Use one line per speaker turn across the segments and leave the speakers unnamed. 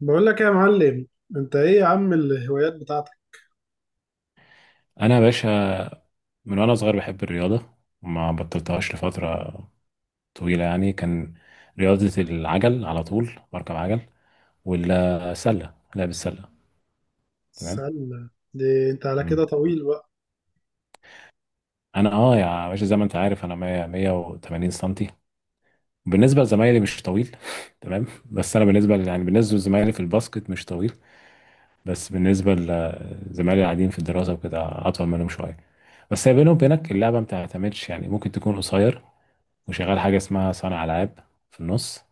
بقول لك إيه يا معلم. انت ايه يا عم الهوايات بتاعتك؟
انا يا باشا، من وانا صغير بحب الرياضه وما بطلتهاش لفتره طويله. يعني كان رياضه العجل، على طول بركب عجل والسله، لعب السله. تمام.
السله دي انت على كده
مم.
طويل بقى.
انا اه يا باشا زي ما انت عارف، انا 100 180 سنتي. بالنسبه لزمايلي مش طويل تمام. بس انا بالنسبه بالنسبه لزمايلي في الباسكت مش طويل، بس بالنسبه لزمايلي العاديين في الدراسه وكده اطول منهم شويه. بس هي بيني وبينك اللعبه ما بتعتمدش، يعني ممكن تكون قصير وشغال حاجه اسمها صانع العاب في النص.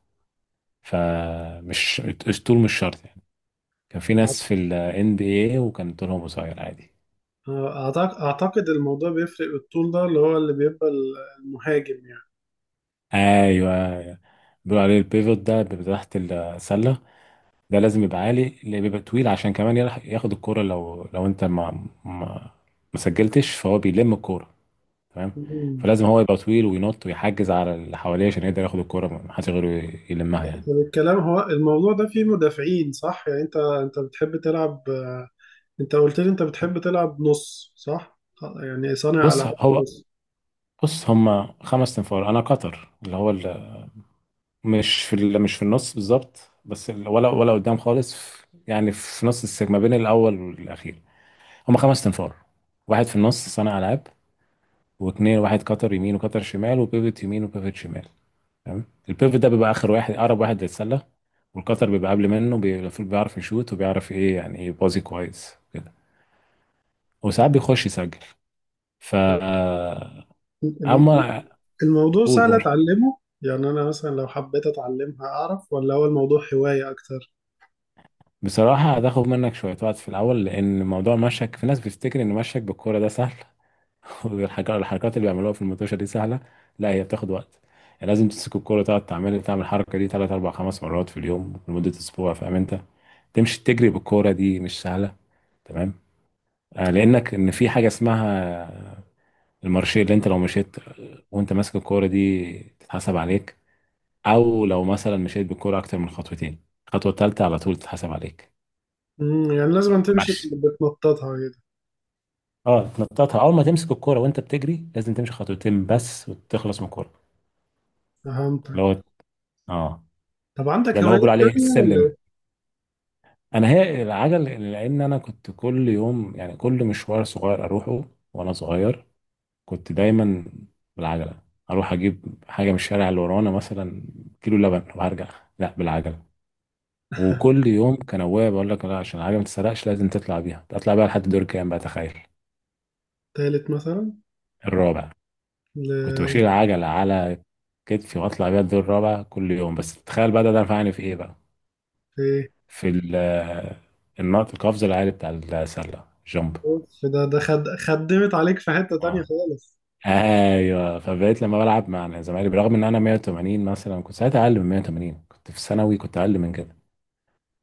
فمش الطول مش شرط يعني. كان في ناس في ال NBA وكان طولهم قصير عادي.
اعتقد الموضوع بيفرق بالطول ده اللي هو اللي بيبقى المهاجم يعني.
ايوه. أيوة. بيقولوا عليه البيفوت، ده بيبقى تحت السله، ده لازم يبقى عالي، اللي بيبقى طويل عشان كمان ياخد الكوره. لو انت ما ما سجلتش فهو بيلم الكوره. تمام.
مم.
فلازم هو يبقى طويل وينط ويحجز على اللي حواليه عشان يقدر ياخد الكوره، ما حدش غيره يلمها يعني.
طب الكلام هو الموضوع ده فيه مدافعين صح، يعني انت بتحب تلعب، انت قلت لي انت بتحب تلعب نص صح، يعني صانع
بص
العاب
هو
نص.
بص هم خمس تنفار، انا قطر اللي هو مش في مش في النص بالظبط، بس ولا قدام خالص يعني في نص السجن ما بين الاول والاخير. هم خمس تنفار، واحد في النص صانع العاب واثنين واحد كتر يمين وكتر شمال، وبيفت يمين وبيفت شمال. تمام. البيفت ده بيبقى اخر واحد، اقرب واحد للسله، والكتر بيبقى قبل منه. المفروض بيعرف يشوت وبيعرف ايه، يعني ايه بازي كويس كده، وساعات بيخش يسجل. ف
الم-
اما
الموضوع
قول
سهل
قول.
اتعلمه، يعني انا مثلا لو حبيت اتعلمها اعرف ولا هو الموضوع هواية اكتر؟
بصراحة هتاخد منك شوية وقت في الأول، لأن موضوع مشك، في ناس بتفتكر إن مشك بالكورة ده سهل والحاجات، الحركات اللي بيعملوها في المطوشه دي سهله. لا، هي بتاخد وقت. يعني لازم تمسك الكوره، تقعد تعمل الحركه دي ثلاث اربع خمس مرات في اليوم لمده اسبوع، فاهم انت. تمشي تجري بالكوره دي مش سهله. تمام. آه، لانك في حاجه اسمها المارشيه، اللي انت لو مشيت وانت ماسك الكوره دي تتحسب عليك، او لو مثلا مشيت بالكوره اكتر من خطوتين الخطوه الثالثه على طول تتحسب عليك.
مم، يعني لازم تمشي
ماشي.
بتنططها كده.
اه، تنططها. اول ما تمسك الكوره وانت بتجري لازم تمشي خطوتين بس وتخلص من الكوره.
فهمتك.
اللي هو اه.
طب
ده
عندك
اللي هو بيقول
هوايات
عليه
تانية ولا
السلم.
إيه؟
انا هي العجل، لان انا كنت كل يوم، يعني كل مشوار صغير اروحه وانا صغير كنت دايما بالعجله. اروح اجيب حاجه من الشارع اللي ورانا مثلا كيلو لبن وارجع، لا بالعجله. وكل يوم كان ابويا بيقول لك لا، عشان العجله ما تتسرقش لازم تطلع بيها، تطلع بيها لحد دور كام بقى، تخيل.
تالت مثلا.
الرابع.
ل...
كنت بشيل العجله على كتفي واطلع بيها الدور الرابع كل يوم. بس تخيل بقى، ده نفعني في ايه بقى.
في إيه؟
في النط، القفز العالي بتاع السله، جامب.
أوف، ده خدمت عليك في حتة تانية
اه.
خالص.
ايوه، فبقيت لما بلعب مع زمايلي برغم ان انا 180 مثلا، كنت ساعتها اقل من 180، كنت في ثانوي كنت اقل من كده،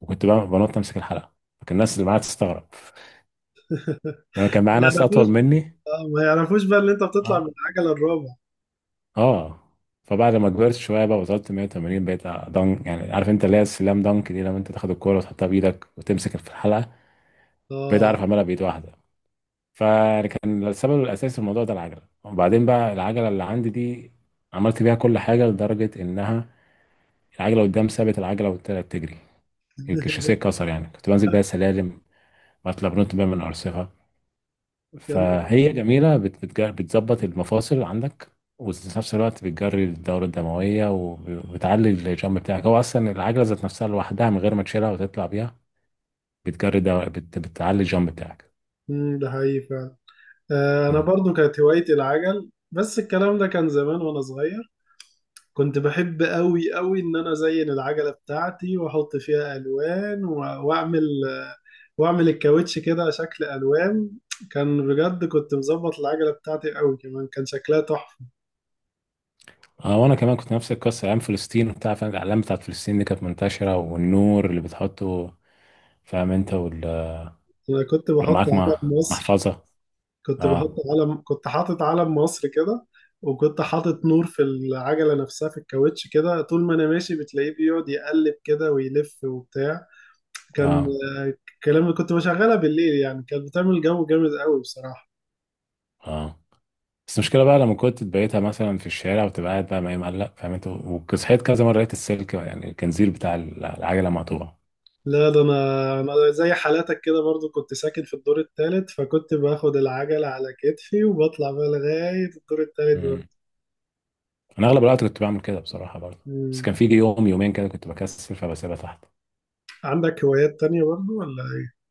وكنت بقى بنط امسك الحلقه، فكان الناس اللي معايا تستغرب لما كان
ما
معايا ناس
يعرفوش.
اطول مني.
آه، ما يعرفوش بقى إن أنت بتطلع
اه
من العجلة الرابع.
اه. فبعد ما كبرت شويه بقى وصلت 180 بقيت دنك. يعني عارف انت اللي هي السلام دنك دي، لما انت تاخد الكوره وتحطها بايدك وتمسك في الحلقه، بقيت
آه.
اعرف اعملها بايد واحده. فكان السبب الاساسي في الموضوع ده العجله. وبعدين بقى العجله اللي عندي دي عملت بيها كل حاجه، لدرجه انها العجله قدام ثابت، العجله والتانيه بتجري، الشاسيه اتكسر. يعني كنت بنزل بيها سلالم واتلبنت بيها من ارصفه،
يا نهار.
فهي جميله بتظبط المفاصل عندك، وفي نفس الوقت بتجري الدوره الدمويه وبتعلي الجامب بتاعك. هو اصلا العجله ذات نفسها لوحدها من غير ما تشيلها وتطلع بيها بتعلي الجامب بتاعك.
أمم، ده حقيقي فعلا. آه أنا
مم.
برضو كانت هوايتي العجل، بس الكلام ده كان زمان وأنا صغير. كنت بحب قوي قوي ان انا ازين العجله بتاعتي واحط فيها الوان واعمل، واعمل الكاوتش كده شكل الوان. كان بجد كنت مظبط العجله بتاعتي قوي، كمان كان شكلها تحفه.
اه، وانا كمان كنت نفس القصه ايام فلسطين وبتاع، فاهم، الاعلام بتاعت فلسطين دي كانت منتشره والنور اللي بتحطه، فاهم انت
انا كنت
ولو
بحط
معاك مع
علم مصر،
محفظه. اه
كنت حاطط علم مصر كده، وكنت حاطط نور في العجله نفسها في الكاوتش كده، طول ما انا ماشي بتلاقيه بيقعد يقلب كده ويلف وبتاع. كان
اه.
الكلام كنت بشغلها بالليل، يعني كانت بتعمل جو جامد قوي بصراحه.
اه، بس المشكله بقى لما كنت بقيتها مثلا في الشارع وتبقى قاعد بقى ما مقلق، فاهم انت، وصحيت كذا مره لقيت السلك يعني الكنزير بتاع العجله مقطوع.
لا ده انا زي حالاتك كده، برضو كنت ساكن في الدور الثالث فكنت باخد العجلة على كتفي وبطلع بقى لغاية الدور الثالث برضو.
امم. انا اغلب الوقت كنت بعمل كده بصراحه برضه، بس
مم.
كان في يوم يومين كده كنت بكسل فبسيبها تحت.
عندك هوايات تانية برضو ولا ايه؟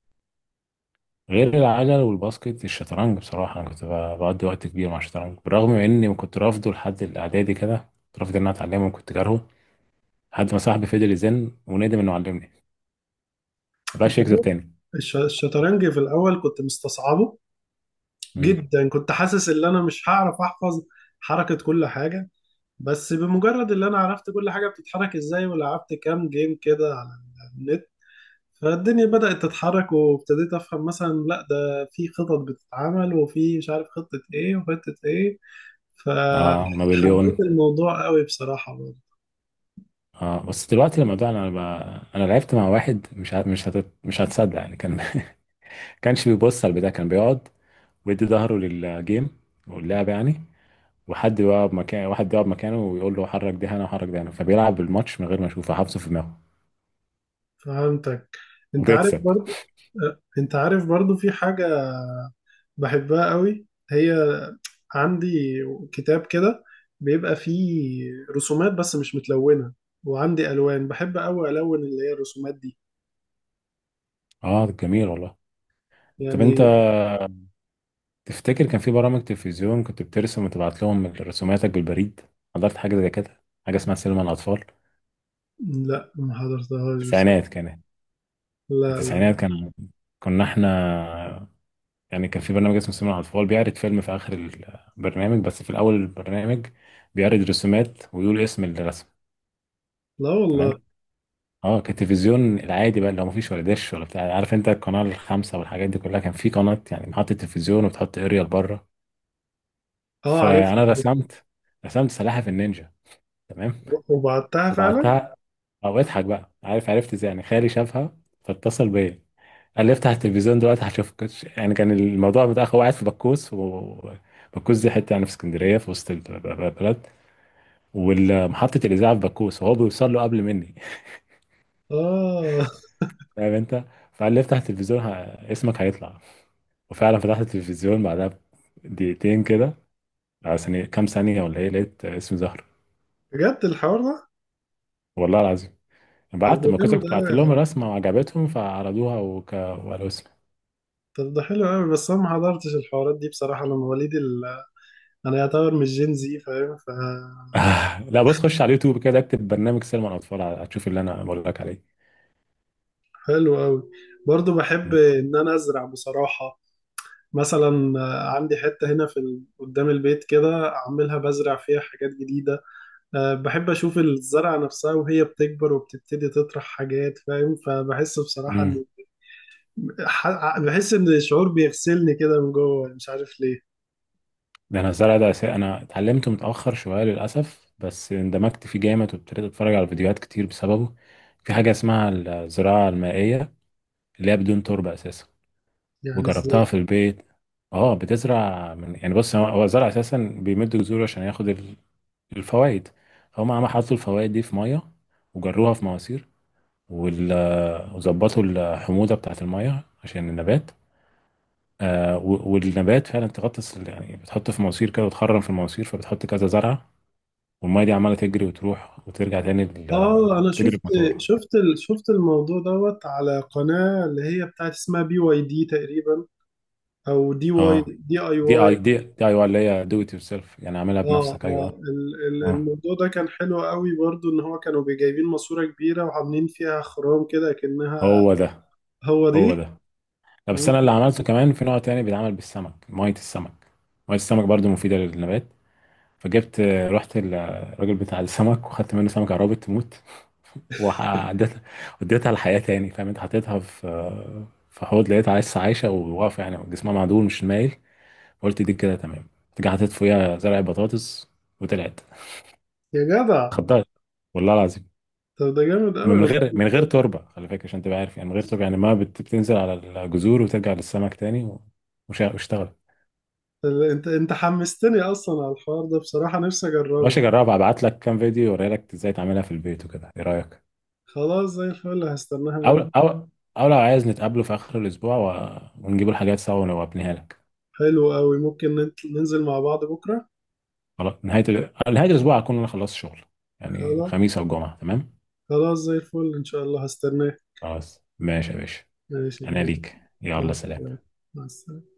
غير العجل والباسكت، الشطرنج. بصراحه انا كنت بقضي وقت كبير مع الشطرنج، بالرغم من اني كنت رافضه لحد الاعدادي كده، كنت رافض ان انا اتعلمه وكنت كارهه، لحد ما صاحبي فضل يزن وندم انه علمني، ما بقاش
انت
يكذب
عارف،
تاني.
الشطرنج في الاول كنت مستصعبه
امم.
جدا، كنت حاسس ان انا مش هعرف احفظ حركة كل حاجة. بس بمجرد ان انا عرفت كل حاجة بتتحرك ازاي ولعبت كام جيم كده على النت، فالدنيا بدأت تتحرك وابتديت أفهم مثلا لا ده في خطط بتتعمل وفي مش عارف خطة إيه وخطة إيه.
اه، ونابليون.
فحبيت الموضوع قوي بصراحة برضه.
اه، بس دلوقتي لما ده انا انا لعبت مع واحد مش ه... مش هت... مش هتصدق يعني. كان كانش بيبص على البتاع، كان بيقعد ويدي ظهره للجيم واللعب، يعني وحد يقعد مكان واحد يقعد مكانه ويقول له حرك ده هنا وحرك ده هنا، فبيلعب الماتش من غير ما يشوفه، حافظه في دماغه،
فهمتك. أنت عارف
وبيكسب.
برضه. أه، أنت عارف برضه في حاجة بحبها قوي، هي عندي كتاب كده بيبقى فيه رسومات بس مش متلونة، وعندي ألوان بحب قوي ألون اللي هي الرسومات دي
اه جميل والله. طب انت
يعني.
تفتكر كان في برامج تلفزيون كنت بترسم وتبعت لهم رسوماتك بالبريد؟ حضرت حاجه زي كده، حاجه اسمها سينما الاطفال.
لا ما حضرتهاش بصراحة.
التسعينات
لا لا.
التسعينات كان، كنا احنا، يعني كان في برنامج اسمه سينما على الفول، بيعرض فيلم في آخر البرنامج، بس في الأول البرنامج بيعرض رسومات ويقول اسم الرسم.
لا والله.
تمام. اه، كان التلفزيون العادي بقى، اللي هو مفيش ولا دش ولا بتاع، عارف انت، القناة الخامسة والحاجات دي كلها. كان في قناة يعني محطة تلفزيون وبتحط اريال بره.
اه عارفها.
فأنا رسمت رسمت سلاحف النينجا. تمام.
وبعتها فعلا.
وبعتها. او اضحك بقى، عارف عرفت ازاي؟ يعني خالي شافها فاتصل بيا، قال لي افتح التلفزيون دلوقتي هشوفك. يعني كان الموضوع متأخر. هو قاعد في بكوس، وبكوس دي حته يعني في اسكندريه في وسط البلد، ومحطه الاذاعه في بكوس، وهو بيوصل له قبل مني
اه،
فاهم انت. فقال لي افتح التلفزيون اسمك هيطلع. وفعلا فتحت التلفزيون بعدها دقيقتين كده، عشان كام ثانيه ولا ايه، لقيت اسم زهر.
بجد الحوار ده؟
والله العظيم.
طب
بعت
ده
ما كنت
جامد
كنت بعت
قوي.
لهم الرسمه وعجبتهم فعرضوها وقالوا اسم.
طب ده حلو قوي، بس انا ما حضرتش الحوارات دي بصراحه، انا مواليد انا يعتبر مش جين زي فاهم.
آه، لا بص، خش على اليوتيوب كده، اكتب برنامج سينما الاطفال، هتشوف اللي انا بقول لك عليه.
فحلو قوي. برضو بحب ان انا ازرع بصراحه، مثلا آه، عندي حته هنا في قدام البيت كده اعملها بزرع فيها حاجات جديده. أه بحب اشوف الزرعه نفسها وهي بتكبر وبتبتدي تطرح حاجات فاهم، فبحس بصراحه
امم.
ح... بحس ان الشعور بيغسلني كده من جوه، مش عارف ليه.
ده انا الزرع ده انا اتعلمته متاخر شويه للاسف، بس اندمجت فيه جامد وابتديت اتفرج على فيديوهات كتير بسببه. في حاجه اسمها الزراعه المائيه، اللي هي بدون تربه اساسا،
يعني ازاي؟
وجربتها في البيت. اه بتزرع من، يعني بص هو الزرع اساسا بيمد جذوره عشان ياخد الفوائد، فهم عم حطوا الفوائد دي في ميه، وجروها في مواسير وظبطوا الحموضه بتاعت الميه عشان النبات. آه، والنبات فعلا تغطس، يعني بتحط في مواسير كده وتخرم في المواسير، فبتحط كذا زرعة، والمية دي عمالة تجري وتروح وترجع تاني.
اه انا
بتجري
شفت،
بموتور.
شفت الموضوع دوت على قناة اللي هي بتاعت اسمها بي واي دي تقريبا، او دي واي،
اه
دي اي
دي اي
واي.
دي، دي اي واي، اللي هي دو ات يور سيلف يعني عاملها
اه
بنفسك.
اه،
ايوه. اه.
الموضوع ده كان حلو قوي برضو، ان هو كانوا جايبين ماسورة كبيرة وعاملين فيها خرام كده كأنها.
هو ده
هو
هو
دي.
ده. لا بس
مم.
انا اللي عملته كمان في نوع تاني بيتعمل بالسمك، مية السمك. مية السمك برضو مفيدة للنبات. فجبت آه، رحت الراجل بتاع السمك وخدت منه سمكة عرابة تموت، وعديتها وديتها الحياة تاني. فاهم انت، حطيتها في في حوض، لقيتها لسه عايشة وواقفة يعني جسمها معدول مش مايل. قلت دي كده تمام. رجعت حطيت فوقيها زرع بطاطس، وطلعت،
يا جدع.
خضرت. والله العظيم.
طب ده جامد قوي والله
من غير
الموضوع ده.
تربة، خلي بالك عشان تبقى عارف، يعني من غير تربة، يعني ما بت- بتنزل على الجذور وترجع للسمك تاني واشتغل.
انت حمستني اصلا على الحوار ده بصراحة، نفسي اجربه.
ماشي، جربها، ابعت لك كام فيديو اوري لك ازاي تعملها في البيت وكده، ايه رأيك؟
خلاص زي الفل، هستناها
او
منك.
او او لو عايز نتقابله في اخر الاسبوع ونجيب الحاجات سوا وابنيها لك.
حلو قوي، ممكن ننزل مع بعض بكرة.
خلاص نهاية الأسبوع هكون أنا خلصت شغل، يعني
خلاص.
خميس أو جمعة. تمام.
خلاص زي الفل إن شاء الله هستناك.
خلاص ماشي يا باشا.
ماشي يا
أنا
كبير.
ليك،
مع
يلا سلام.
السلامة. مع السلامة.